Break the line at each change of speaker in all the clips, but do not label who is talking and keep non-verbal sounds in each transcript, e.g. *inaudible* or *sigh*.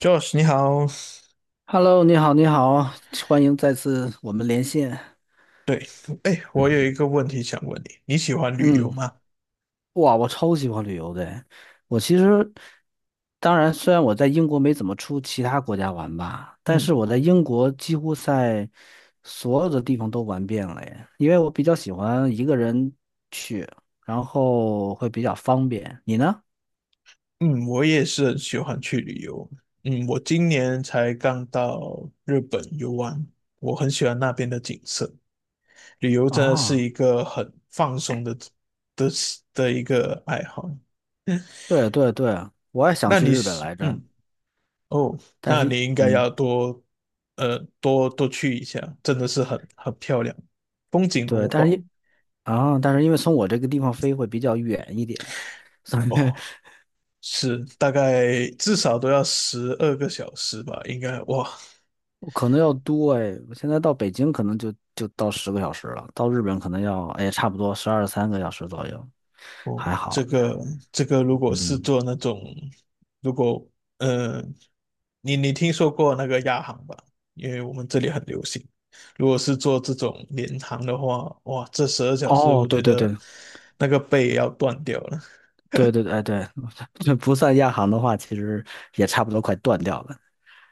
Josh，你好。
Hello，你好，你好，欢迎再次我们连线。
对，哎，我有一个问题想问你，你喜欢旅游
嗯，
吗？
哇，我超喜欢旅游的。我其实，当然，虽然我在英国没怎么出其他国家玩吧，但是
嗯
我在英国几乎在所有的地方都玩遍了耶。因为我比较喜欢一个人去，然后会比较方便。你呢？
嗯，我也是很喜欢去旅游。嗯，我今年才刚到日本游玩，我很喜欢那边的景色。旅游真的是
啊，
一个很放松的的一个爱好。
对对对，我也想
那
去
你
日本
是
来着，
嗯哦，
但
那
是，
你应该
嗯，
要多多多去一下，真的是很漂亮，风景
对，
如
但是
画。
因啊，但是因为从我这个地方飞会比较远一点。*laughs* 所以
哦，是大概至少都要12个小时吧，应该哇
可能要多哎，我现在到北京可能就到10个小时了，到日本可能要差不多十二三个小时左右，
哦，
还
这
好呢。
个这个如果是
嗯，
做那种，如果呃，你听说过那个亚航吧？因为我们这里很流行。如果是做这种联航的话，哇，这12小时我
哦，对
觉
对
得
对
那个背要断掉了。
对对对哎对，*laughs* 这不算亚航的话，其实也差不多快断掉了。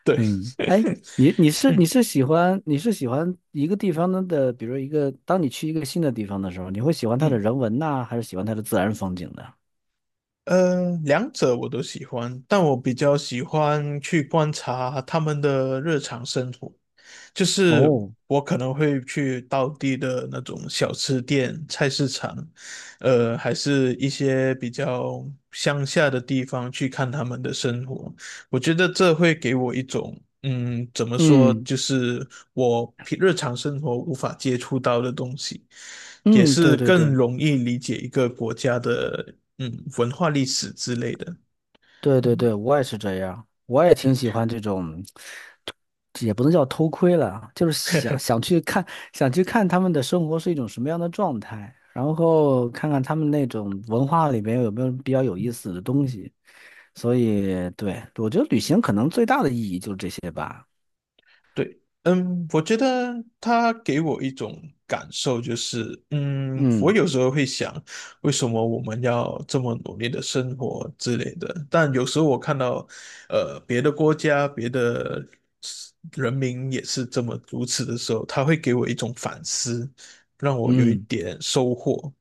对，
嗯，哎，你你
*laughs*
是你
嗯
是喜欢你是喜欢一个地方的，比如一个，当你去一个新的地方的时候，你会喜欢它的
嗯，
人文呐，还是喜欢它的自然风景呢？
两者我都喜欢，但我比较喜欢去观察他们的日常生活。就是
哦，
我可能会去当地的那种小吃店、菜市场，还是一些比较乡下的地方去看他们的生活。我觉得这会给我一种，嗯，怎么说，
嗯
就是我平日常生活无法接触到的东西，也
嗯，
是
对对
更
对，
容易理解一个国家的，嗯，文化历史之类的。
对对
嗯，
对，我也是这样，我也挺喜欢这种，也不能叫偷窥了，就是
*laughs*
想去看他们的生活是一种什么样的状态，然后看看他们那种文化里边有没有比较有意思的东西。所以，对，我觉得旅行可能最大的意义就是这些吧。
对，嗯，我觉得他给我一种感受，就是，嗯，我
嗯
有时候会想，为什么我们要这么努力的生活之类的？但有时候我看到，别的国家、别的人民也是这么如此的时候，他会给我一种反思，让我有一
嗯。
点收获。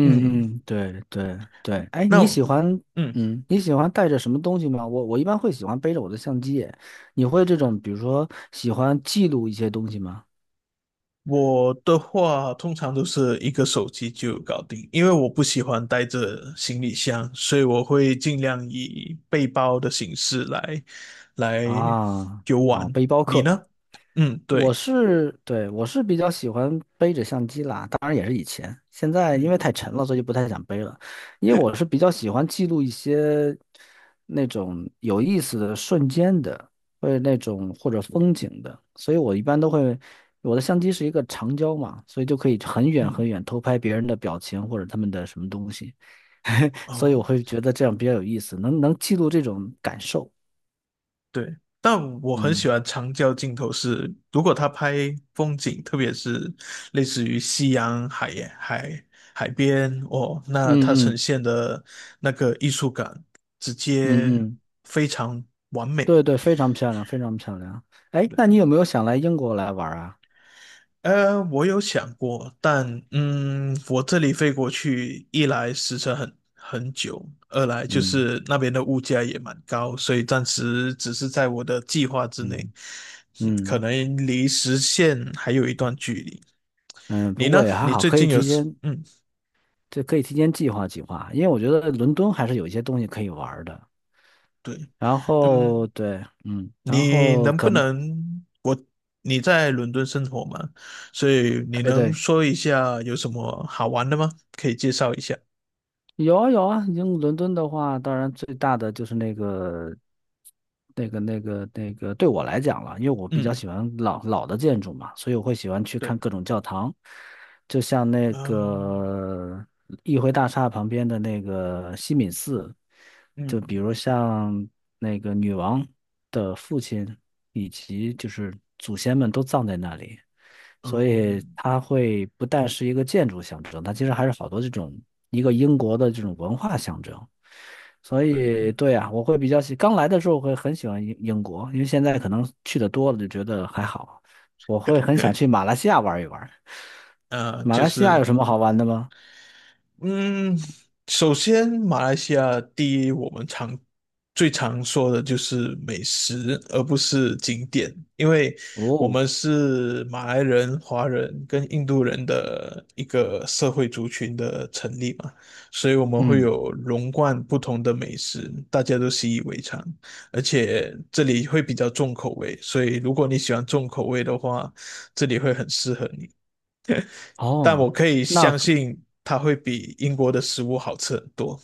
嗯，
嗯，对对对，哎，
那
你
我，
喜欢
嗯。
嗯，你喜欢带着什么东西吗？我一般会喜欢背着我的相机耶，你会这种比如说喜欢记录一些东西吗？
我的话通常都是一个手机就搞定，因为我不喜欢带着行李箱，所以我会尽量以背包的形式来来
啊
游
啊，
玩。
背包
你
客，
呢？嗯，对，
对，我是比较喜欢背着相机啦，当然也是以前，现在因为
嗯
太沉了，所以就不太想背了。因为我是比较喜欢记录一些那种有意思的瞬间的，或者风景的，所以我一般都会，我的相机是一个长焦嘛，所以就可以很远
嗯，
很远偷拍别人的表情或者他们的什么东西，*laughs* 所以我
哦。
会觉得这样比较有意思，能记录这种感受。
对，但我很
嗯
喜欢长焦镜头是，如果他拍风景，特别是类似于夕阳、海海边，哦，那
嗯
它呈
嗯
现的那个艺术感直接
嗯嗯。
非常完美。
对对，非常漂亮，非常漂亮。哎，
对，
那你有没有想来英国来玩儿啊？
我有想过，但我这里飞过去，一来时程很久，二来就
嗯
是那边的物价也蛮高，所以暂时只是在我的计划之内，
嗯
可
嗯
能离实现还有一段距离。
嗯，
你
不过
呢？
也还
你
好，
最
可以
近有
提
什，
前，
嗯，
这可以提前计划计划，因为我觉得伦敦还是有一些东西可以玩儿的。
对，
然后
嗯，
对，然
你
后
能不
可能
能，我，你在伦敦生活吗？所以你
对
能
对，
说一下有什么好玩的吗？可以介绍一下。
有啊有啊，英伦敦的话，当然最大的就是那个，对我来讲了，因为我比较
嗯，
喜欢老老的建筑嘛，所以我会喜欢去
对，
看各种教堂，就像那
啊。
个议会大厦旁边的那个西敏寺，就比
嗯，
如像那个女王的父亲以及就是祖先们都葬在那里，所
哦，
以它会不但是一个建筑象征，它其实还是好多这种一个英国的这种文化象征。所
对，
以，对啊，我会比较喜，刚来的时候会很喜欢英国，因为现在可能去的多了就觉得还好。我会很想去
*laughs*
马来西亚玩一玩。马
就
来西亚
是。
有什么好玩的吗？
嗯，首先，马来西亚第一，我们最常说的就是美食，而不是景点，因为我
哦，
们是马来人、华人跟印度人的一个社会族群的成立嘛，所以我们会
嗯，
有融贯不同的美食，大家都习以为常，而且这里会比较重口味，所以如果你喜欢重口味的话，这里会很适合你。但我
哦，
可以
那
相信它会比英国的食物好吃很多。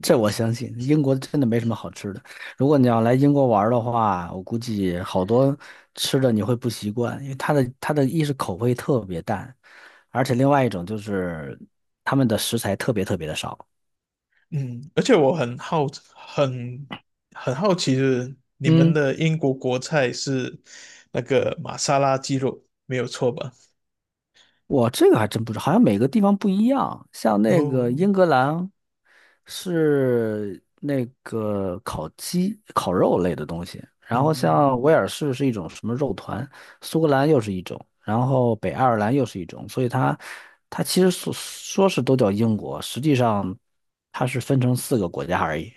这我相信，英国真的没什么好吃的。如果你要来英国玩儿的话，我估计好多吃的你会不习惯，因为它的一是口味特别淡，而且另外一种就是他们的食材特别特别的少。
嗯，而且我很很好奇，就是你们
嗯。
的英国国菜是那个玛莎拉鸡肉，没有错吧？
我这个还真不知道，好像每个地方不一样。像那个
哦，
英格兰是那个烤鸡、烤肉类的东西，然后
嗯，
像威尔士是一种什么肉团，苏格兰又是一种，然后北爱尔兰又是一种，所以它其实说说是都叫英国，实际上它是分成4个国家而已。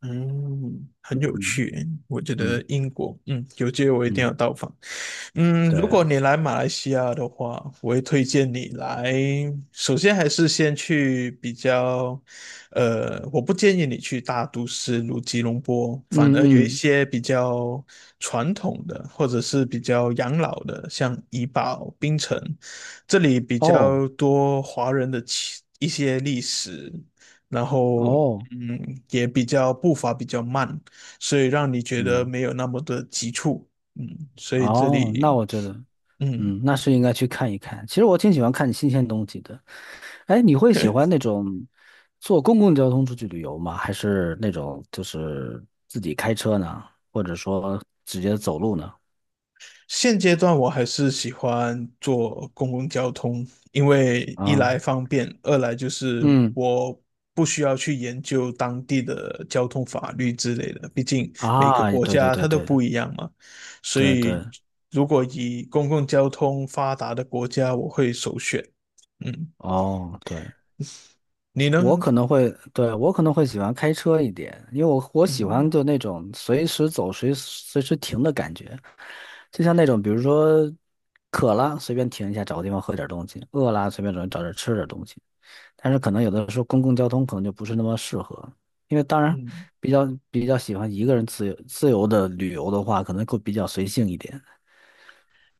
嗯，很有
嗯
趣诶我觉
嗯
得英国，嗯，有机会我一定
嗯，
要到访。嗯，如
对，
果你来马来西亚的话，我会推荐你来。首先还是先去比较，我不建议你去大都市如吉隆坡，
嗯
反而有一
嗯，
些比较传统的或者是比较养老的，像怡保、槟城，这里比
哦
较多华人的起一些历史，然后
哦，
也比较步伐比较慢，所以让你觉得
嗯
没有那么的急促，嗯，所以这
哦，那
里
我觉得。
嗯，
那是应该去看一看。其实我挺喜欢看新鲜东西的。哎，你会喜欢那种坐公共交通出去旅游吗？还是那种就是自己开车呢？或者说直接走路呢？
现阶段我还是喜欢坐公共交通，因为一
啊，
来方便，二来就是
嗯，
我。不需要去研究当地的交通法律之类的，毕竟每个
啊，
国
对对
家
对
它都
对
不一样嘛。所
对
以，
对，
如果以公共交通发达的国家，我会首选。嗯，
哦，对。
你
我
呢？
可能会，对，我可能会喜欢开车一点，因为我喜
嗯
欢就那种随时走、随时停的感觉，就像那种比如说渴了随便停一下，找个地方喝点东西；饿了随便找找点吃点东西。但是可能有的时候公共交通可能就不是那么适合，因为当然
嗯
比较比较喜欢一个人自由自由的旅游的话，可能会比较随性一点。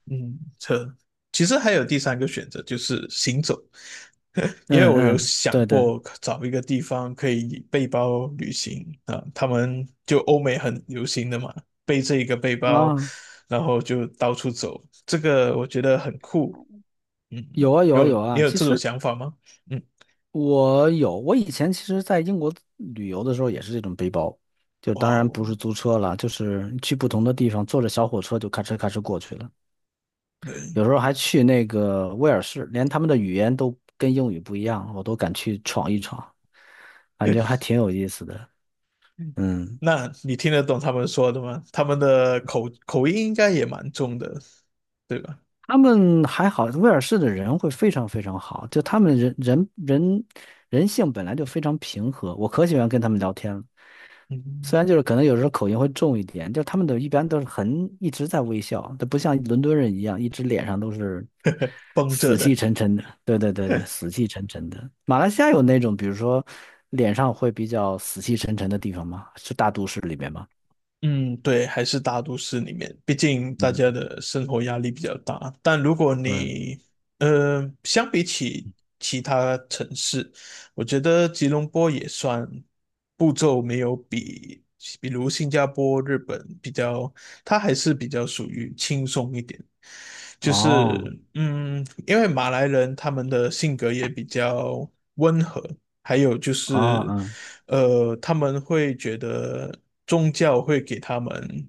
嗯，其实还有第三个选择，就是行走，*laughs* 因为
嗯
我有
嗯，
想
对对
过找一个地方可以背包旅行啊，他们就欧美很流行的嘛，背着一个背包，
啊，
然后就到处走，这个我觉得很酷。嗯，
有啊
你
有啊
有
有
你
啊，
有
其
这种
实。
想法吗？嗯，
我有，我以前其实在英国旅游的时候也是这种背包，就当
哇
然
哦，
不是租车了，就是去不同的地方，坐着小火车就咔哧咔哧过去了。
对。
有时候还去那个威尔士，连他们的语言都跟英语不一样，我都敢去闯一闯，感觉还挺
*laughs*
有意思的。嗯，
那你听得懂他们说的吗？他们的口音应该也蛮重的，对吧？
他们还好，威尔士的人会非常非常好，就他们人性本来就非常平和，我可喜欢跟他们聊天了。
嗯，
虽然就是可能有时候口音会重一点，就他们都一般都是很一直在微笑，都不像伦敦人一样，一直脸上都是
绷着
死气
的。
沉沉的。对对对对，
*laughs*
死气沉沉的。马来西亚有那种，比如说脸上会比较死气沉沉的地方吗？是大都市里面吗？
嗯，对，还是大都市里面，毕竟大
嗯，
家的生活压力比较大。但如果
对。
你，相比起其他城市，我觉得吉隆坡也算步骤没有比如新加坡、日本比较，它还是比较属于轻松一点。就
哦
是，嗯，因为马来人他们的性格也比较温和，还有就
哦
是
嗯
他们会觉得宗教会给他们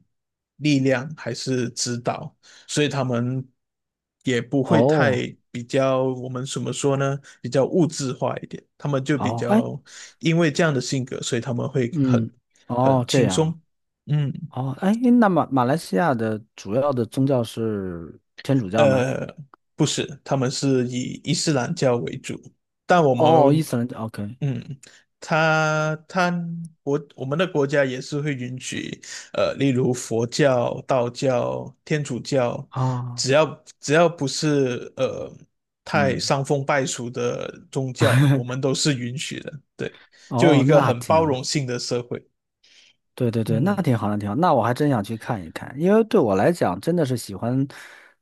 力量还是指导，所以他们也不会太
哦
比较，我们怎么说呢？比较物质化一点，他们就比
哦哎
较因为这样的性格，所以他们会很
嗯哦
很
这
轻
样
松。嗯，
哦哎，那马来西亚的主要的宗教是天主教吗？
呃，不是，他们是以伊斯兰教为主，但我
哦，伊
们
斯兰教 OK。
嗯，他他国我们的国家也是会允许，例如佛教、道教、天主教，
啊
只要只要不是太
嗯，
伤风败俗的宗教，我们都是允许的。对，就一
哦，
个
那
很
挺
包
好，
容性的社会。
对对对，那
嗯
挺好，那挺好，那我还真想去看一看，因为对我来讲，真的是喜欢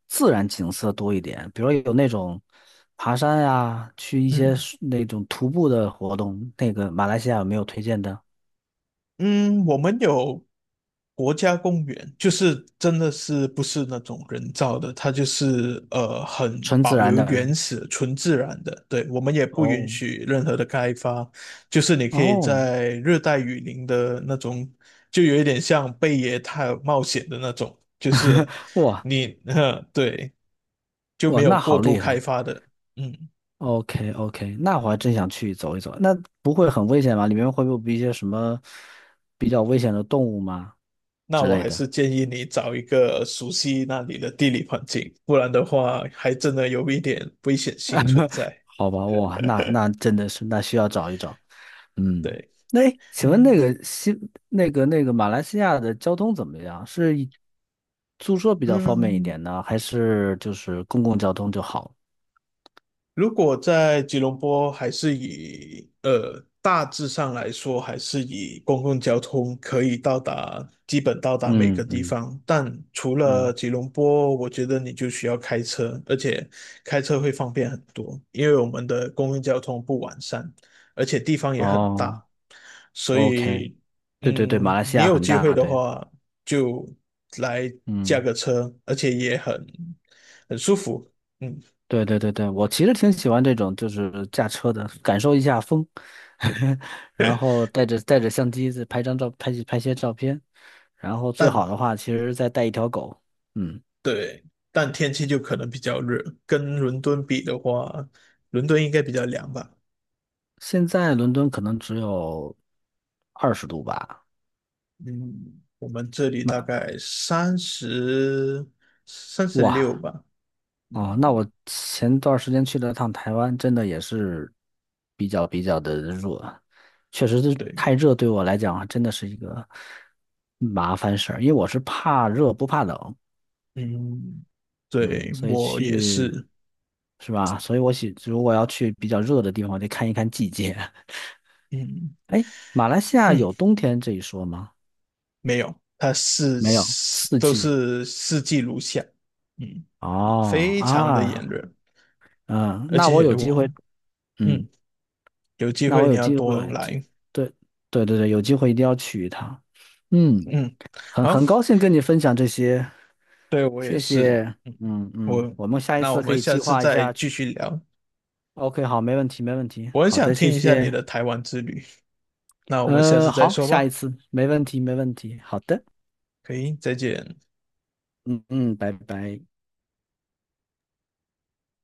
自然景色多一点，比如有那种爬山呀，去一些
嗯。
是那种徒步的活动，那个马来西亚有没有推荐的？
嗯，我们有国家公园，就是真的是不是那种人造的，它就是很
纯自
保
然
留
的，
原始、纯自然的。对，我们也不允
哦
许任何的开发，就是你可以
哦，
在热带雨林的那种，就有一点像贝爷探冒险的那种，就是
哇
*laughs* 呵，对，就
哇，
没有
那
过
好
度
厉害
开发的。嗯。
，OK OK，那我还真想去走一走，那不会很危险吗？里面会不会有一些什么比较危险的动物吗
那
之
我
类
还
的？
是建议你找一个熟悉那里的地理环境，不然的话还真的有一点危险性存在。
好吧，哇，那真的是，那需要找一找。嗯，
对，
那诶请问
嗯
那个西那个那个马来西亚的交通怎么样？是以租车比较方便一
嗯，
点呢，还是就是公共交通就好？
如果在吉隆坡还是以大致上来说，还是以公共交通可以到达，基本到达每
嗯
个地
嗯
方。但除了
嗯，
吉隆坡，我觉得你就需要开车，而且开车会方便很多，因为我们的公共交通不完善，而且地方也很
哦
大，所
，OK，
以
对对对，马来西
你
亚
有
很
机会
大，
的
对，
话就来驾
嗯。
个车，而且也很舒服。嗯。
对对对对，我其实挺喜欢这种，就是驾车的，感受一下风，*laughs* 然后带着相机再拍张照，拍些照片，然后最
但
好的话，其实再带一条狗。嗯，
对，但天气就可能比较热，跟伦敦比的话，伦敦应该比较凉吧？
现在伦敦可能只有20度吧，
嗯，我们这里大
那
概36
哇
吧。
哦，那
嗯，
我前段时间去了趟台湾，真的也是比较的热，确实是
对，
太热对我来讲啊真的是一个麻烦事儿，因为我是怕热不怕冷。
嗯，
嗯，
对，
所以
我也
去
是，
是吧？所以如果要去比较热的地方，得看一看季节。*laughs*
嗯
哎，马来西亚
嗯，
有冬天这一说吗？
没有，它是
没有，四
都
季。
是四季如夏，嗯，
哦
非常的炎
啊，
热，
嗯，
而
那我
且
有机
我
会，
嗯
嗯，
有机
那我
会你
有
要
机
多
会，这
来，
对对对对，有机会一定要去一趟。嗯，
嗯，
很
好。
很高兴跟你分享这些，
对，我也
谢
是。
谢。
嗯，
嗯嗯，
我，
我们下一
那我
次可
们
以
下
计
次
划一
再
下
继
去。
续聊。
OK，好，没问题，没问题。
我很
好
想
的，谢
听一下你
谢。
的台湾之旅，那我们下次再
好，
说
下一
吧。
次，没问题，没问题。好的，
可以，再见。
嗯嗯，拜拜。